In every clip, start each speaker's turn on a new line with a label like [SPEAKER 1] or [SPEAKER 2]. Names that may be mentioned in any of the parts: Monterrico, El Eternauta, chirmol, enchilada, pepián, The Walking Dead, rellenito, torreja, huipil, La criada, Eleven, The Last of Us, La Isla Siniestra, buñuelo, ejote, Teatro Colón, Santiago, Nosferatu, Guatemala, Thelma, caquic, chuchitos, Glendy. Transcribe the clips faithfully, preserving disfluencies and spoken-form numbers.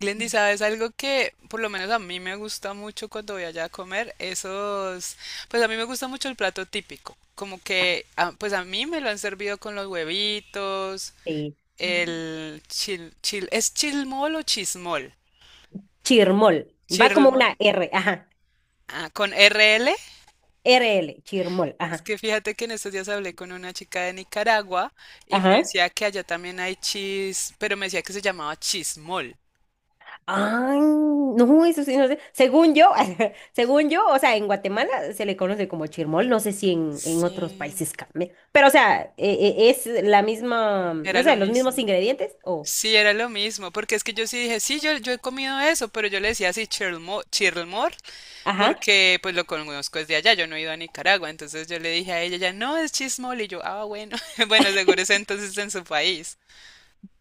[SPEAKER 1] Glendy, ¿sabes algo que por lo menos a mí me gusta mucho cuando voy allá a comer? Esos, pues a mí me gusta mucho el plato típico, como que, ah, pues a mí me lo han servido con los huevitos,
[SPEAKER 2] Sí.
[SPEAKER 1] el chil, chil, ¿es chilmol o chismol?
[SPEAKER 2] Chirmol. Va como
[SPEAKER 1] Chirmol.
[SPEAKER 2] una R, ajá.
[SPEAKER 1] Ah, con R L.
[SPEAKER 2] R L, chirmol,
[SPEAKER 1] Es
[SPEAKER 2] ajá.
[SPEAKER 1] que fíjate que en estos días hablé con una chica de Nicaragua y me
[SPEAKER 2] Ajá.
[SPEAKER 1] decía que allá también hay chis, pero me decía que se llamaba chismol.
[SPEAKER 2] Ay, no, eso sí, no sé. Según yo, según yo, o sea, en Guatemala se le conoce como chirmol, no sé si en, en otros
[SPEAKER 1] Sí,
[SPEAKER 2] países cambia. Pero, o sea, e- e- es la misma,
[SPEAKER 1] era
[SPEAKER 2] no
[SPEAKER 1] lo
[SPEAKER 2] sé, los mismos
[SPEAKER 1] mismo.
[SPEAKER 2] ingredientes o,
[SPEAKER 1] Sí, era lo mismo, porque es que yo sí dije, sí, yo, yo he comido eso, pero yo le decía así, Chirlmore, Chirlmore,
[SPEAKER 2] ajá.
[SPEAKER 1] porque pues lo conozco desde allá, yo no he ido a Nicaragua, entonces yo le dije a ella, ya no, es chismol, y yo, ah, bueno, bueno, seguro es entonces en su país.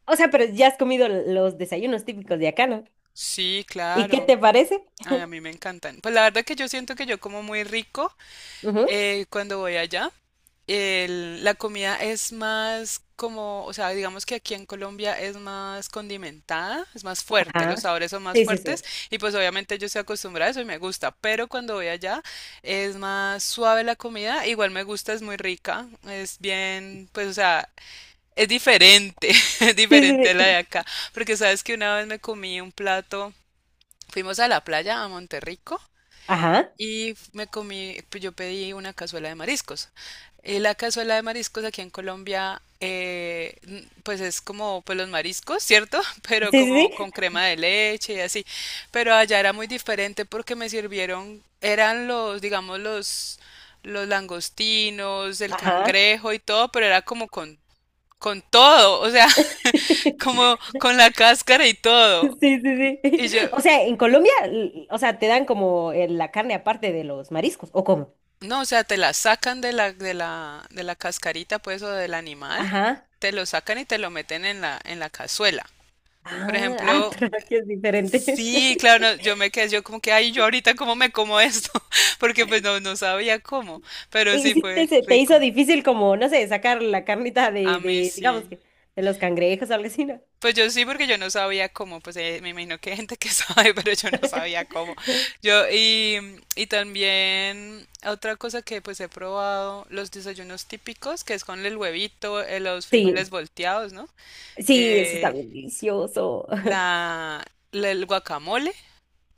[SPEAKER 2] O sea, pero ya has comido los desayunos típicos de acá, ¿no?
[SPEAKER 1] Sí,
[SPEAKER 2] ¿Y qué
[SPEAKER 1] claro.
[SPEAKER 2] te parece?
[SPEAKER 1] Ay, a mí me encantan. Pues la verdad que yo siento que yo como muy rico
[SPEAKER 2] Ujú.
[SPEAKER 1] eh, cuando voy allá, el- la comida es más como, o sea, digamos que aquí en Colombia es más condimentada, es más fuerte, los
[SPEAKER 2] Ajá.
[SPEAKER 1] sabores son más
[SPEAKER 2] Sí, sí,
[SPEAKER 1] fuertes
[SPEAKER 2] sí.
[SPEAKER 1] y pues obviamente yo estoy acostumbrada a eso y me gusta, pero cuando voy allá es más suave la comida, igual me gusta, es muy rica, es bien, pues o sea, es diferente, es
[SPEAKER 2] Sí,
[SPEAKER 1] diferente a
[SPEAKER 2] sí,
[SPEAKER 1] la de
[SPEAKER 2] sí.
[SPEAKER 1] acá, porque sabes que una vez me comí un plato, fuimos a la playa, a Monterrico
[SPEAKER 2] Ajá.
[SPEAKER 1] y me comí, pues yo pedí una cazuela de mariscos. Eh, la cazuela de mariscos aquí en Colombia, eh, n- pues es como pues los mariscos, ¿cierto?
[SPEAKER 2] Sí,
[SPEAKER 1] Pero
[SPEAKER 2] sí,
[SPEAKER 1] como
[SPEAKER 2] sí.
[SPEAKER 1] con crema de leche y así. Pero allá era muy diferente porque me sirvieron, eran los, digamos, los, los langostinos, el
[SPEAKER 2] Ajá.
[SPEAKER 1] cangrejo y todo, pero era como con, con todo, o sea, como con la cáscara y
[SPEAKER 2] Sí,
[SPEAKER 1] todo.
[SPEAKER 2] sí, sí.
[SPEAKER 1] Y yo,
[SPEAKER 2] O sea, en Colombia, l- o sea, te dan como eh, la carne aparte de los mariscos, ¿o cómo?
[SPEAKER 1] no, o sea, te la sacan de la, de la, de la cascarita, pues, o del animal,
[SPEAKER 2] Ajá.
[SPEAKER 1] te lo sacan y te lo meten en la, en la cazuela. Por
[SPEAKER 2] Ah, ah,
[SPEAKER 1] ejemplo,
[SPEAKER 2] pero aquí es diferente.
[SPEAKER 1] sí, claro, no, yo me quedé, yo como que, ay, yo ahorita cómo me como esto, porque pues no, no sabía cómo, pero
[SPEAKER 2] ¿Y
[SPEAKER 1] sí
[SPEAKER 2] si te,
[SPEAKER 1] fue
[SPEAKER 2] se te hizo
[SPEAKER 1] rico.
[SPEAKER 2] difícil como, no sé, sacar la carnita
[SPEAKER 1] A
[SPEAKER 2] de,
[SPEAKER 1] mí
[SPEAKER 2] de, digamos
[SPEAKER 1] sí.
[SPEAKER 2] que, de los cangrejos o algo así, ¿no?
[SPEAKER 1] Pues yo sí, porque yo no sabía cómo, pues eh, me imagino que hay gente que sabe, pero yo no sabía cómo. Yo, y, y también otra cosa que pues he probado, los desayunos típicos, que es con el huevito, eh, los frijoles
[SPEAKER 2] Sí,
[SPEAKER 1] volteados, ¿no?
[SPEAKER 2] sí, eso está
[SPEAKER 1] Eh,
[SPEAKER 2] bien delicioso.
[SPEAKER 1] la, la- el guacamole,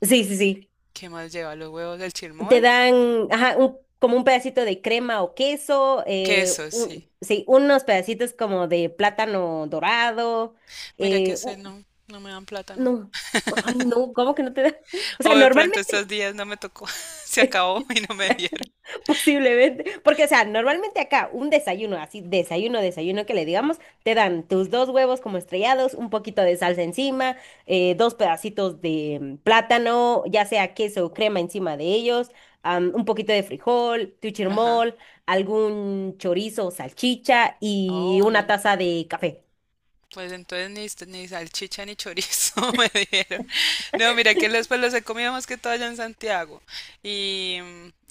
[SPEAKER 2] Sí, sí, sí.
[SPEAKER 1] ¿qué más lleva? Los huevos, el
[SPEAKER 2] Te
[SPEAKER 1] chirmol,
[SPEAKER 2] dan, ajá, un- como un pedacito de crema o queso, eh,
[SPEAKER 1] queso,
[SPEAKER 2] un-
[SPEAKER 1] sí.
[SPEAKER 2] sí, unos pedacitos como de plátano dorado.
[SPEAKER 1] Mira que ese no, no me dan plátano.
[SPEAKER 2] No, ay, no, ¿cómo que no te da? O
[SPEAKER 1] O
[SPEAKER 2] sea,
[SPEAKER 1] de pronto
[SPEAKER 2] normalmente,
[SPEAKER 1] estos días no me tocó, se acabó y no me dieron.
[SPEAKER 2] posiblemente, porque, o sea, normalmente acá un desayuno, así, desayuno, desayuno que le digamos, te dan tus dos huevos como estrellados, un poquito de salsa encima, eh, dos pedacitos de mm, plátano, ya sea queso o crema encima de ellos, am, un poquito de frijol, tu
[SPEAKER 1] Ajá.
[SPEAKER 2] chirmol, algún chorizo o salchicha y
[SPEAKER 1] Oh,
[SPEAKER 2] una
[SPEAKER 1] no.
[SPEAKER 2] taza de café.
[SPEAKER 1] Pues entonces ni, ni salchicha ni chorizo me dieron. No, mira que los, pues los he comido más que todo allá en Santiago y,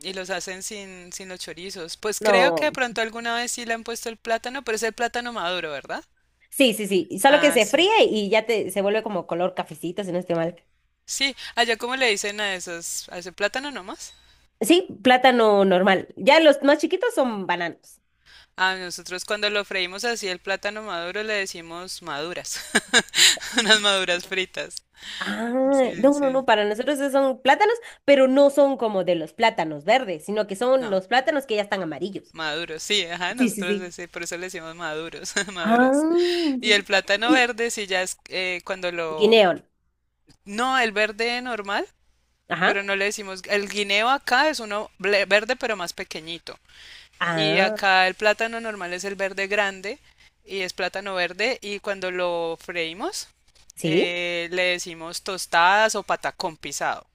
[SPEAKER 1] y los hacen sin, sin los chorizos. Pues creo que
[SPEAKER 2] No,
[SPEAKER 1] de pronto alguna vez sí le han puesto el plátano, pero es el plátano maduro, ¿verdad?
[SPEAKER 2] sí, sí, sí, solo que
[SPEAKER 1] Ah,
[SPEAKER 2] se
[SPEAKER 1] sí.
[SPEAKER 2] fríe y ya te, se vuelve como color cafecito, si no estoy mal.
[SPEAKER 1] Sí, allá como le dicen a esos, a ese plátano nomás.
[SPEAKER 2] Sí, plátano normal. Ya los más chiquitos son bananos.
[SPEAKER 1] A nosotros cuando lo freímos así el plátano maduro le decimos maduras, unas maduras fritas.
[SPEAKER 2] Ah,
[SPEAKER 1] Sí,
[SPEAKER 2] no, no,
[SPEAKER 1] sí.
[SPEAKER 2] no, para nosotros esos son plátanos, pero no son como de los plátanos verdes, sino que son
[SPEAKER 1] No.
[SPEAKER 2] los plátanos que ya están amarillos.
[SPEAKER 1] Maduros, sí, ajá,
[SPEAKER 2] Sí, sí,
[SPEAKER 1] nosotros
[SPEAKER 2] sí.
[SPEAKER 1] ese- por eso le decimos maduros, maduras.
[SPEAKER 2] Ah,
[SPEAKER 1] Y el
[SPEAKER 2] sí.
[SPEAKER 1] plátano
[SPEAKER 2] Y
[SPEAKER 1] verde, sí, ya es eh, cuando lo...
[SPEAKER 2] guineón.
[SPEAKER 1] No, el verde normal, pero
[SPEAKER 2] Ajá.
[SPEAKER 1] no le decimos... El guineo acá es uno ble- verde, pero más pequeñito. Y
[SPEAKER 2] Ah,
[SPEAKER 1] acá el plátano normal es el verde grande y es plátano verde. Y cuando lo freímos,
[SPEAKER 2] sí.
[SPEAKER 1] eh, le decimos tostadas o patacón pisado.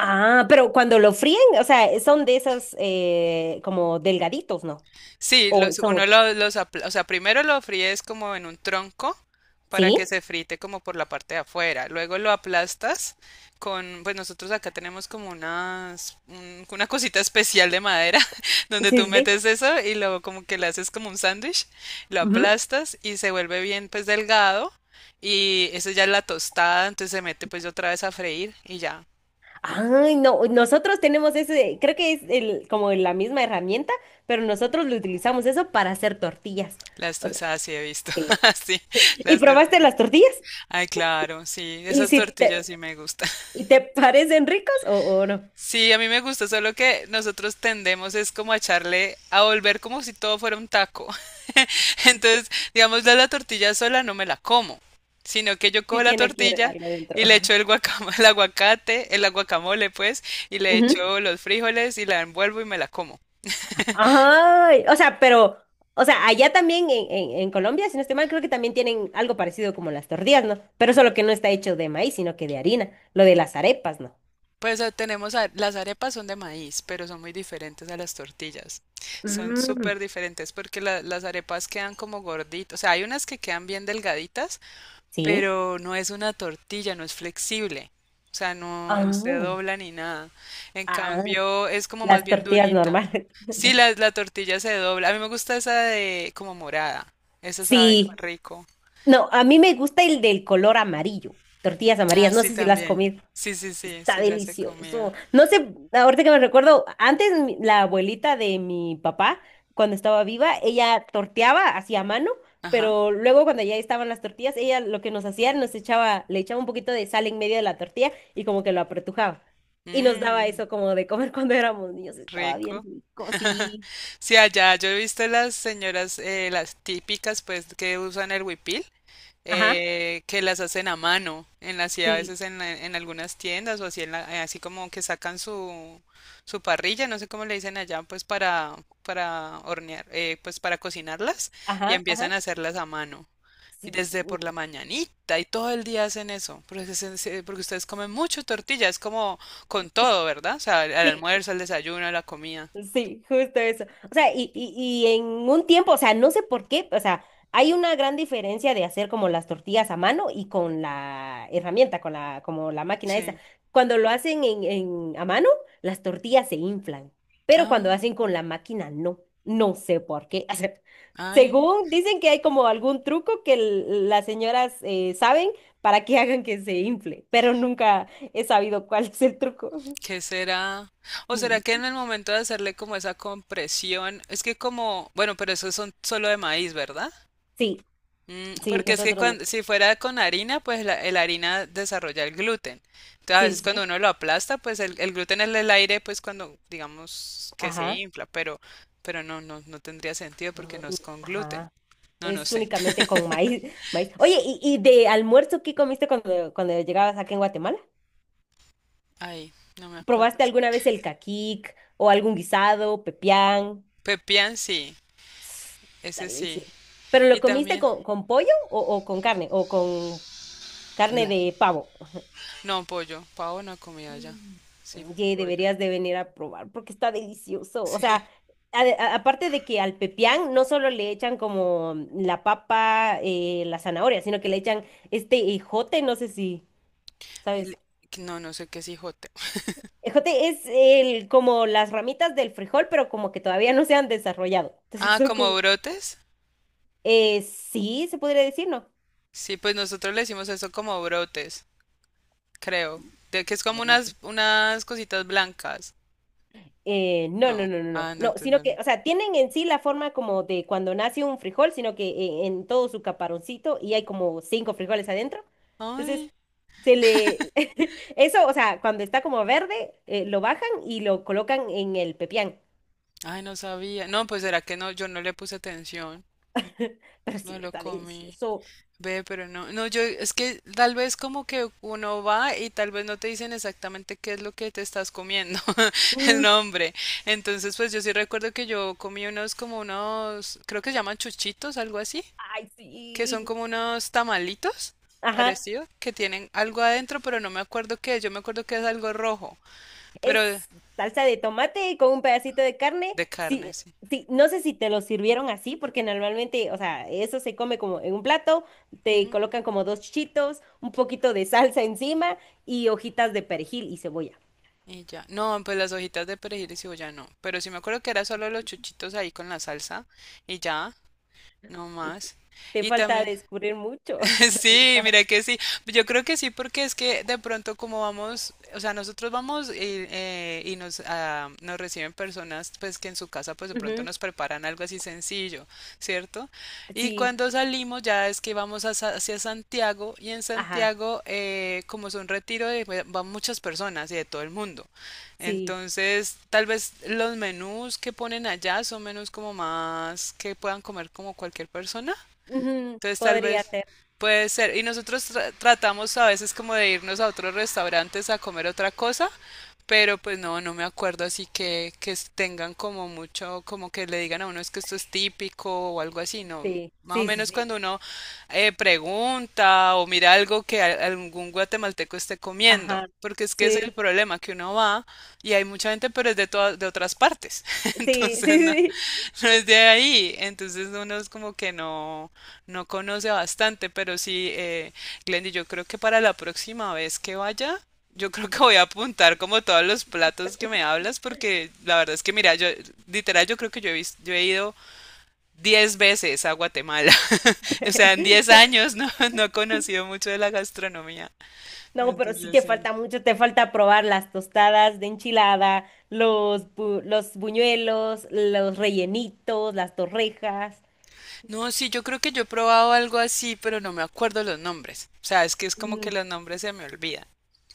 [SPEAKER 2] Ah, pero cuando lo fríen, o sea, son de esas eh, como delgaditos, ¿no?
[SPEAKER 1] Sí,
[SPEAKER 2] O
[SPEAKER 1] los,
[SPEAKER 2] son,
[SPEAKER 1] uno lo- los, apl- o sea, primero lo fríes como en un tronco para que
[SPEAKER 2] ¿sí?
[SPEAKER 1] se frite como por la parte de afuera. Luego lo aplastas con, pues nosotros acá tenemos como unas, un- una cosita especial de madera
[SPEAKER 2] Sí,
[SPEAKER 1] donde tú
[SPEAKER 2] sí, sí.
[SPEAKER 1] metes eso y luego como que le haces como un sándwich, lo aplastas y se vuelve bien pues delgado y eso ya es la tostada, entonces se mete pues otra vez a freír y ya.
[SPEAKER 2] Ay, no, nosotros tenemos ese, creo que es el, como la misma herramienta, pero nosotros lo utilizamos eso para hacer tortillas.
[SPEAKER 1] Las
[SPEAKER 2] O sea,
[SPEAKER 1] tostadas sí he visto,
[SPEAKER 2] eh,
[SPEAKER 1] así,
[SPEAKER 2] ¿y
[SPEAKER 1] las
[SPEAKER 2] probaste
[SPEAKER 1] tortillas.
[SPEAKER 2] las tortillas?
[SPEAKER 1] Ay, claro, sí,
[SPEAKER 2] ¿Y
[SPEAKER 1] esas
[SPEAKER 2] si
[SPEAKER 1] tortillas
[SPEAKER 2] te,
[SPEAKER 1] sí me gustan.
[SPEAKER 2] y te parecen ricos o, o no?
[SPEAKER 1] Sí, a mí me gusta, solo que nosotros tendemos es como a echarle, a volver como si todo fuera un taco. Entonces, digamos, la, la tortilla sola no me la como, sino que yo cojo
[SPEAKER 2] Sí
[SPEAKER 1] la
[SPEAKER 2] tiene que ir
[SPEAKER 1] tortilla
[SPEAKER 2] algo adentro.
[SPEAKER 1] y le echo el guacam- el aguacate, el guacamole pues, y le
[SPEAKER 2] Ujú.
[SPEAKER 1] echo los frijoles y la envuelvo y me la como.
[SPEAKER 2] Ay, o sea, pero, o sea, allá también en, en, en Colombia, si no estoy mal, creo que también tienen algo parecido como las tortillas, ¿no? Pero solo que no está hecho de maíz, sino que de harina. Lo de las arepas, ¿no?
[SPEAKER 1] Pues eh, tenemos, a- las arepas son de maíz, pero son muy diferentes a las tortillas. Son
[SPEAKER 2] Mm,
[SPEAKER 1] súper diferentes porque la- las arepas quedan como gorditas. O sea, hay unas que quedan bien delgaditas,
[SPEAKER 2] sí.
[SPEAKER 1] pero no es una tortilla, no es flexible. O sea, no, no se dobla ni nada. En
[SPEAKER 2] Ah.
[SPEAKER 1] cambio, es como más
[SPEAKER 2] Las
[SPEAKER 1] bien
[SPEAKER 2] tortillas
[SPEAKER 1] durita.
[SPEAKER 2] normales.
[SPEAKER 1] Sí, la, la tortilla se dobla. A mí me gusta esa de como morada. Esa sabe
[SPEAKER 2] Sí.
[SPEAKER 1] rico.
[SPEAKER 2] No, a mí me gusta el del color amarillo. Tortillas amarillas,
[SPEAKER 1] Ah,
[SPEAKER 2] no
[SPEAKER 1] sí,
[SPEAKER 2] sé si las has
[SPEAKER 1] también.
[SPEAKER 2] comido.
[SPEAKER 1] Sí, sí, sí,
[SPEAKER 2] Está
[SPEAKER 1] sí las he comido.
[SPEAKER 2] delicioso. No sé, ahorita que me recuerdo, antes mi- la abuelita de mi papá, cuando estaba viva, ella torteaba hacía mano,
[SPEAKER 1] Ajá.
[SPEAKER 2] pero luego cuando ya estaban las tortillas, ella lo que nos hacía, nos echaba, le echaba un poquito de sal en medio de la tortilla y como que lo apretujaba. Y nos daba
[SPEAKER 1] Mmm,
[SPEAKER 2] eso como de comer cuando éramos niños. Estaba bien
[SPEAKER 1] rico.
[SPEAKER 2] rico, sí.
[SPEAKER 1] Sí, allá yo he visto las señoras, eh, las típicas, pues, que usan el huipil,
[SPEAKER 2] Ajá,
[SPEAKER 1] eh, que las hacen a mano, en las, y a
[SPEAKER 2] sí,
[SPEAKER 1] veces en, la- en algunas tiendas o así, en la- eh, así como que sacan su, su parrilla, no sé cómo le dicen allá, pues, para, para hornear, eh, pues, para cocinarlas y
[SPEAKER 2] ajá,
[SPEAKER 1] empiezan
[SPEAKER 2] ajá.
[SPEAKER 1] a hacerlas a mano. Y
[SPEAKER 2] Sí,
[SPEAKER 1] desde por la mañanita y todo el día hacen eso, porque, se- se- porque ustedes comen mucho tortilla, es como con todo, ¿verdad? O sea, al
[SPEAKER 2] sí,
[SPEAKER 1] almuerzo, al desayuno, a la comida.
[SPEAKER 2] sí, justo eso. O sea, y, y, y en un tiempo, o sea, no sé por qué, o sea, hay una gran diferencia de hacer como las tortillas a mano y con la herramienta, con la, como la máquina esa.
[SPEAKER 1] Sí.
[SPEAKER 2] Cuando lo hacen en, en- a mano, las tortillas se inflan, pero cuando
[SPEAKER 1] Ah.
[SPEAKER 2] hacen con la máquina, no. No sé por qué. O sea,
[SPEAKER 1] Ay,
[SPEAKER 2] según dicen que hay como algún truco que l- las señoras eh, saben para que hagan que se infle, pero nunca he sabido cuál es el truco.
[SPEAKER 1] ¿qué será? ¿O será que en el momento de hacerle como esa compresión, es que como, bueno, pero esos son solo de maíz, ¿verdad?
[SPEAKER 2] Sí.
[SPEAKER 1] Mm,
[SPEAKER 2] Sí,
[SPEAKER 1] porque es que
[SPEAKER 2] nosotros no.
[SPEAKER 1] cuando, si fuera con harina, pues la, el harina desarrolla el gluten. Entonces, a
[SPEAKER 2] Sí,
[SPEAKER 1] veces
[SPEAKER 2] sí,
[SPEAKER 1] cuando
[SPEAKER 2] sí.
[SPEAKER 1] uno lo aplasta, pues el, el gluten es el aire, pues cuando digamos que se
[SPEAKER 2] Ajá.
[SPEAKER 1] infla, pero, pero no, no, no tendría sentido porque
[SPEAKER 2] No,
[SPEAKER 1] no
[SPEAKER 2] no.
[SPEAKER 1] es con gluten.
[SPEAKER 2] Ajá.
[SPEAKER 1] No, no
[SPEAKER 2] Es
[SPEAKER 1] sé.
[SPEAKER 2] únicamente con maíz, maíz. Oye, ¿y, y de almuerzo qué comiste cuando, cuando llegabas acá en Guatemala?
[SPEAKER 1] Ay, no me acuerdo.
[SPEAKER 2] ¿Probaste
[SPEAKER 1] Sí.
[SPEAKER 2] alguna vez el caquic o algún guisado, pepián?
[SPEAKER 1] Pepián, sí,
[SPEAKER 2] Está
[SPEAKER 1] ese sí.
[SPEAKER 2] delicioso. ¿Pero
[SPEAKER 1] Y
[SPEAKER 2] lo comiste
[SPEAKER 1] también.
[SPEAKER 2] con, con pollo o, o con carne? ¿O con carne de pavo?
[SPEAKER 1] No, pollo. Pavo no comida ya.
[SPEAKER 2] Mm.
[SPEAKER 1] Sí,
[SPEAKER 2] Oye,
[SPEAKER 1] pollo.
[SPEAKER 2] deberías de venir a probar porque está delicioso. O
[SPEAKER 1] Sí.
[SPEAKER 2] sea, a- a- aparte de que al pepián no solo le echan como la papa, eh, la zanahoria, sino que le echan este ejote, no sé si, ¿sabes?
[SPEAKER 1] El- no, no sé qué es hijote.
[SPEAKER 2] Ejote es el, como las ramitas del frijol, pero como que todavía no se han desarrollado. Entonces
[SPEAKER 1] Ah,
[SPEAKER 2] son
[SPEAKER 1] como
[SPEAKER 2] como...
[SPEAKER 1] brotes.
[SPEAKER 2] Eh, sí, se podría decir, ¿no?
[SPEAKER 1] Sí, pues nosotros le decimos eso como brotes, creo. De que es
[SPEAKER 2] A
[SPEAKER 1] como
[SPEAKER 2] ver.
[SPEAKER 1] unas, unas cositas blancas.
[SPEAKER 2] Eh, no, no,
[SPEAKER 1] No.
[SPEAKER 2] no, no, no,
[SPEAKER 1] Ah, no,
[SPEAKER 2] no, sino
[SPEAKER 1] entonces
[SPEAKER 2] que,
[SPEAKER 1] no.
[SPEAKER 2] o sea, tienen en sí la forma como de cuando nace un frijol, sino que eh, en todo su caparoncito y hay como cinco frijoles adentro. Entonces,
[SPEAKER 1] Ay,
[SPEAKER 2] se le, eso, o sea, cuando está como verde, eh, lo bajan y lo colocan en el pepián.
[SPEAKER 1] ay, no sabía. No, pues será que no, yo no le puse atención.
[SPEAKER 2] Pero
[SPEAKER 1] No
[SPEAKER 2] sí,
[SPEAKER 1] lo
[SPEAKER 2] está
[SPEAKER 1] comí.
[SPEAKER 2] delicioso.
[SPEAKER 1] Ve, pero no, no, yo es que tal vez como que uno va y tal vez no te dicen exactamente qué es lo que te estás comiendo, el
[SPEAKER 2] Mm.
[SPEAKER 1] nombre. Entonces, pues yo sí recuerdo que yo comí unos como unos, creo que se llaman chuchitos, algo así,
[SPEAKER 2] Ay,
[SPEAKER 1] que son
[SPEAKER 2] sí.
[SPEAKER 1] como unos tamalitos
[SPEAKER 2] Ajá.
[SPEAKER 1] parecido, que tienen algo adentro, pero no me acuerdo qué, es, yo me acuerdo que es algo rojo, pero de,
[SPEAKER 2] Es salsa de tomate con un pedacito de carne.
[SPEAKER 1] carne,
[SPEAKER 2] Sí,
[SPEAKER 1] sí.
[SPEAKER 2] sí, no sé si te lo sirvieron así, porque normalmente, o sea, eso se come como en un plato, te
[SPEAKER 1] Ujú.
[SPEAKER 2] colocan como dos chitos, un poquito de salsa encima y hojitas de perejil y cebolla.
[SPEAKER 1] Y ya, no, pues las hojitas de perejil y cebolla no, pero sí me acuerdo que era solo los chuchitos ahí con la salsa y ya. No
[SPEAKER 2] Y te
[SPEAKER 1] más.
[SPEAKER 2] te
[SPEAKER 1] Y
[SPEAKER 2] falta
[SPEAKER 1] también,
[SPEAKER 2] descubrir mucho.
[SPEAKER 1] sí,
[SPEAKER 2] Todavía.
[SPEAKER 1] mira que sí. Yo creo que sí, porque es que de pronto como vamos, o sea, nosotros vamos y, eh, y nos, ah, nos reciben personas, pues que en su casa, pues de pronto
[SPEAKER 2] Ujú.
[SPEAKER 1] nos preparan algo así sencillo, ¿cierto? Y
[SPEAKER 2] Sí,
[SPEAKER 1] cuando salimos ya es que vamos a Sa- hacia Santiago y en
[SPEAKER 2] ajá,
[SPEAKER 1] Santiago, eh, como es un retiro, de- eh, van muchas personas y de todo el mundo.
[SPEAKER 2] sí.
[SPEAKER 1] Entonces, tal vez los menús que ponen allá son menús como más que puedan comer como cualquier persona.
[SPEAKER 2] Ujú.
[SPEAKER 1] Entonces tal
[SPEAKER 2] Podría
[SPEAKER 1] vez
[SPEAKER 2] ser,
[SPEAKER 1] puede ser. Y nosotros tra- tratamos a veces como de irnos a otros restaurantes a comer otra cosa, pero pues no, no me acuerdo así que, que s- tengan como mucho, como que le digan a uno es que esto es típico o algo así, no.
[SPEAKER 2] sí,
[SPEAKER 1] Más o
[SPEAKER 2] sí, sí,
[SPEAKER 1] menos
[SPEAKER 2] sí.
[SPEAKER 1] cuando uno eh, pregunta o mira algo que a- algún guatemalteco esté comiendo,
[SPEAKER 2] Ajá,
[SPEAKER 1] porque es que ese es el
[SPEAKER 2] sí,
[SPEAKER 1] problema, que uno va. Y hay mucha gente, pero es de todas, de otras partes.
[SPEAKER 2] sí, sí,
[SPEAKER 1] Entonces no,
[SPEAKER 2] sí.
[SPEAKER 1] no es de ahí. Entonces uno es como que no, no conoce bastante. Pero sí, eh, Glendy, yo creo que para la próxima vez que vaya, yo creo que voy a apuntar como todos los platos que me hablas, porque la verdad es que, mira, yo, literal, yo creo que yo he vis- yo he ido diez veces a Guatemala. O sea, en diez años no, no he conocido mucho de la gastronomía.
[SPEAKER 2] No, pero sí
[SPEAKER 1] Entonces,
[SPEAKER 2] te
[SPEAKER 1] sí.
[SPEAKER 2] falta mucho, te falta probar las tostadas de enchilada, los, bu- los buñuelos, los rellenitos, las torrejas.
[SPEAKER 1] No, sí, yo creo que yo he probado algo así, pero no me acuerdo los nombres. O sea, es que es como que
[SPEAKER 2] Mm.
[SPEAKER 1] los nombres se me olvidan.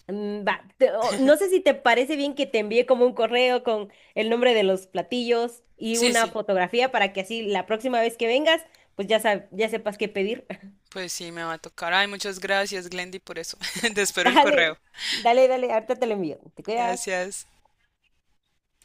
[SPEAKER 2] Mm, va, te- o- no sé si te parece bien que te envíe como un correo con el nombre de los platillos y
[SPEAKER 1] Sí,
[SPEAKER 2] una
[SPEAKER 1] sí,
[SPEAKER 2] fotografía para que así la próxima vez que vengas, pues ya, sab- ya sepas qué pedir.
[SPEAKER 1] pues sí, me va a tocar. Ay, muchas gracias, Glendy, por eso. Te espero el
[SPEAKER 2] Dale,
[SPEAKER 1] correo.
[SPEAKER 2] dale, dale, ahorita te lo envío. ¿Te cuidas?
[SPEAKER 1] Gracias.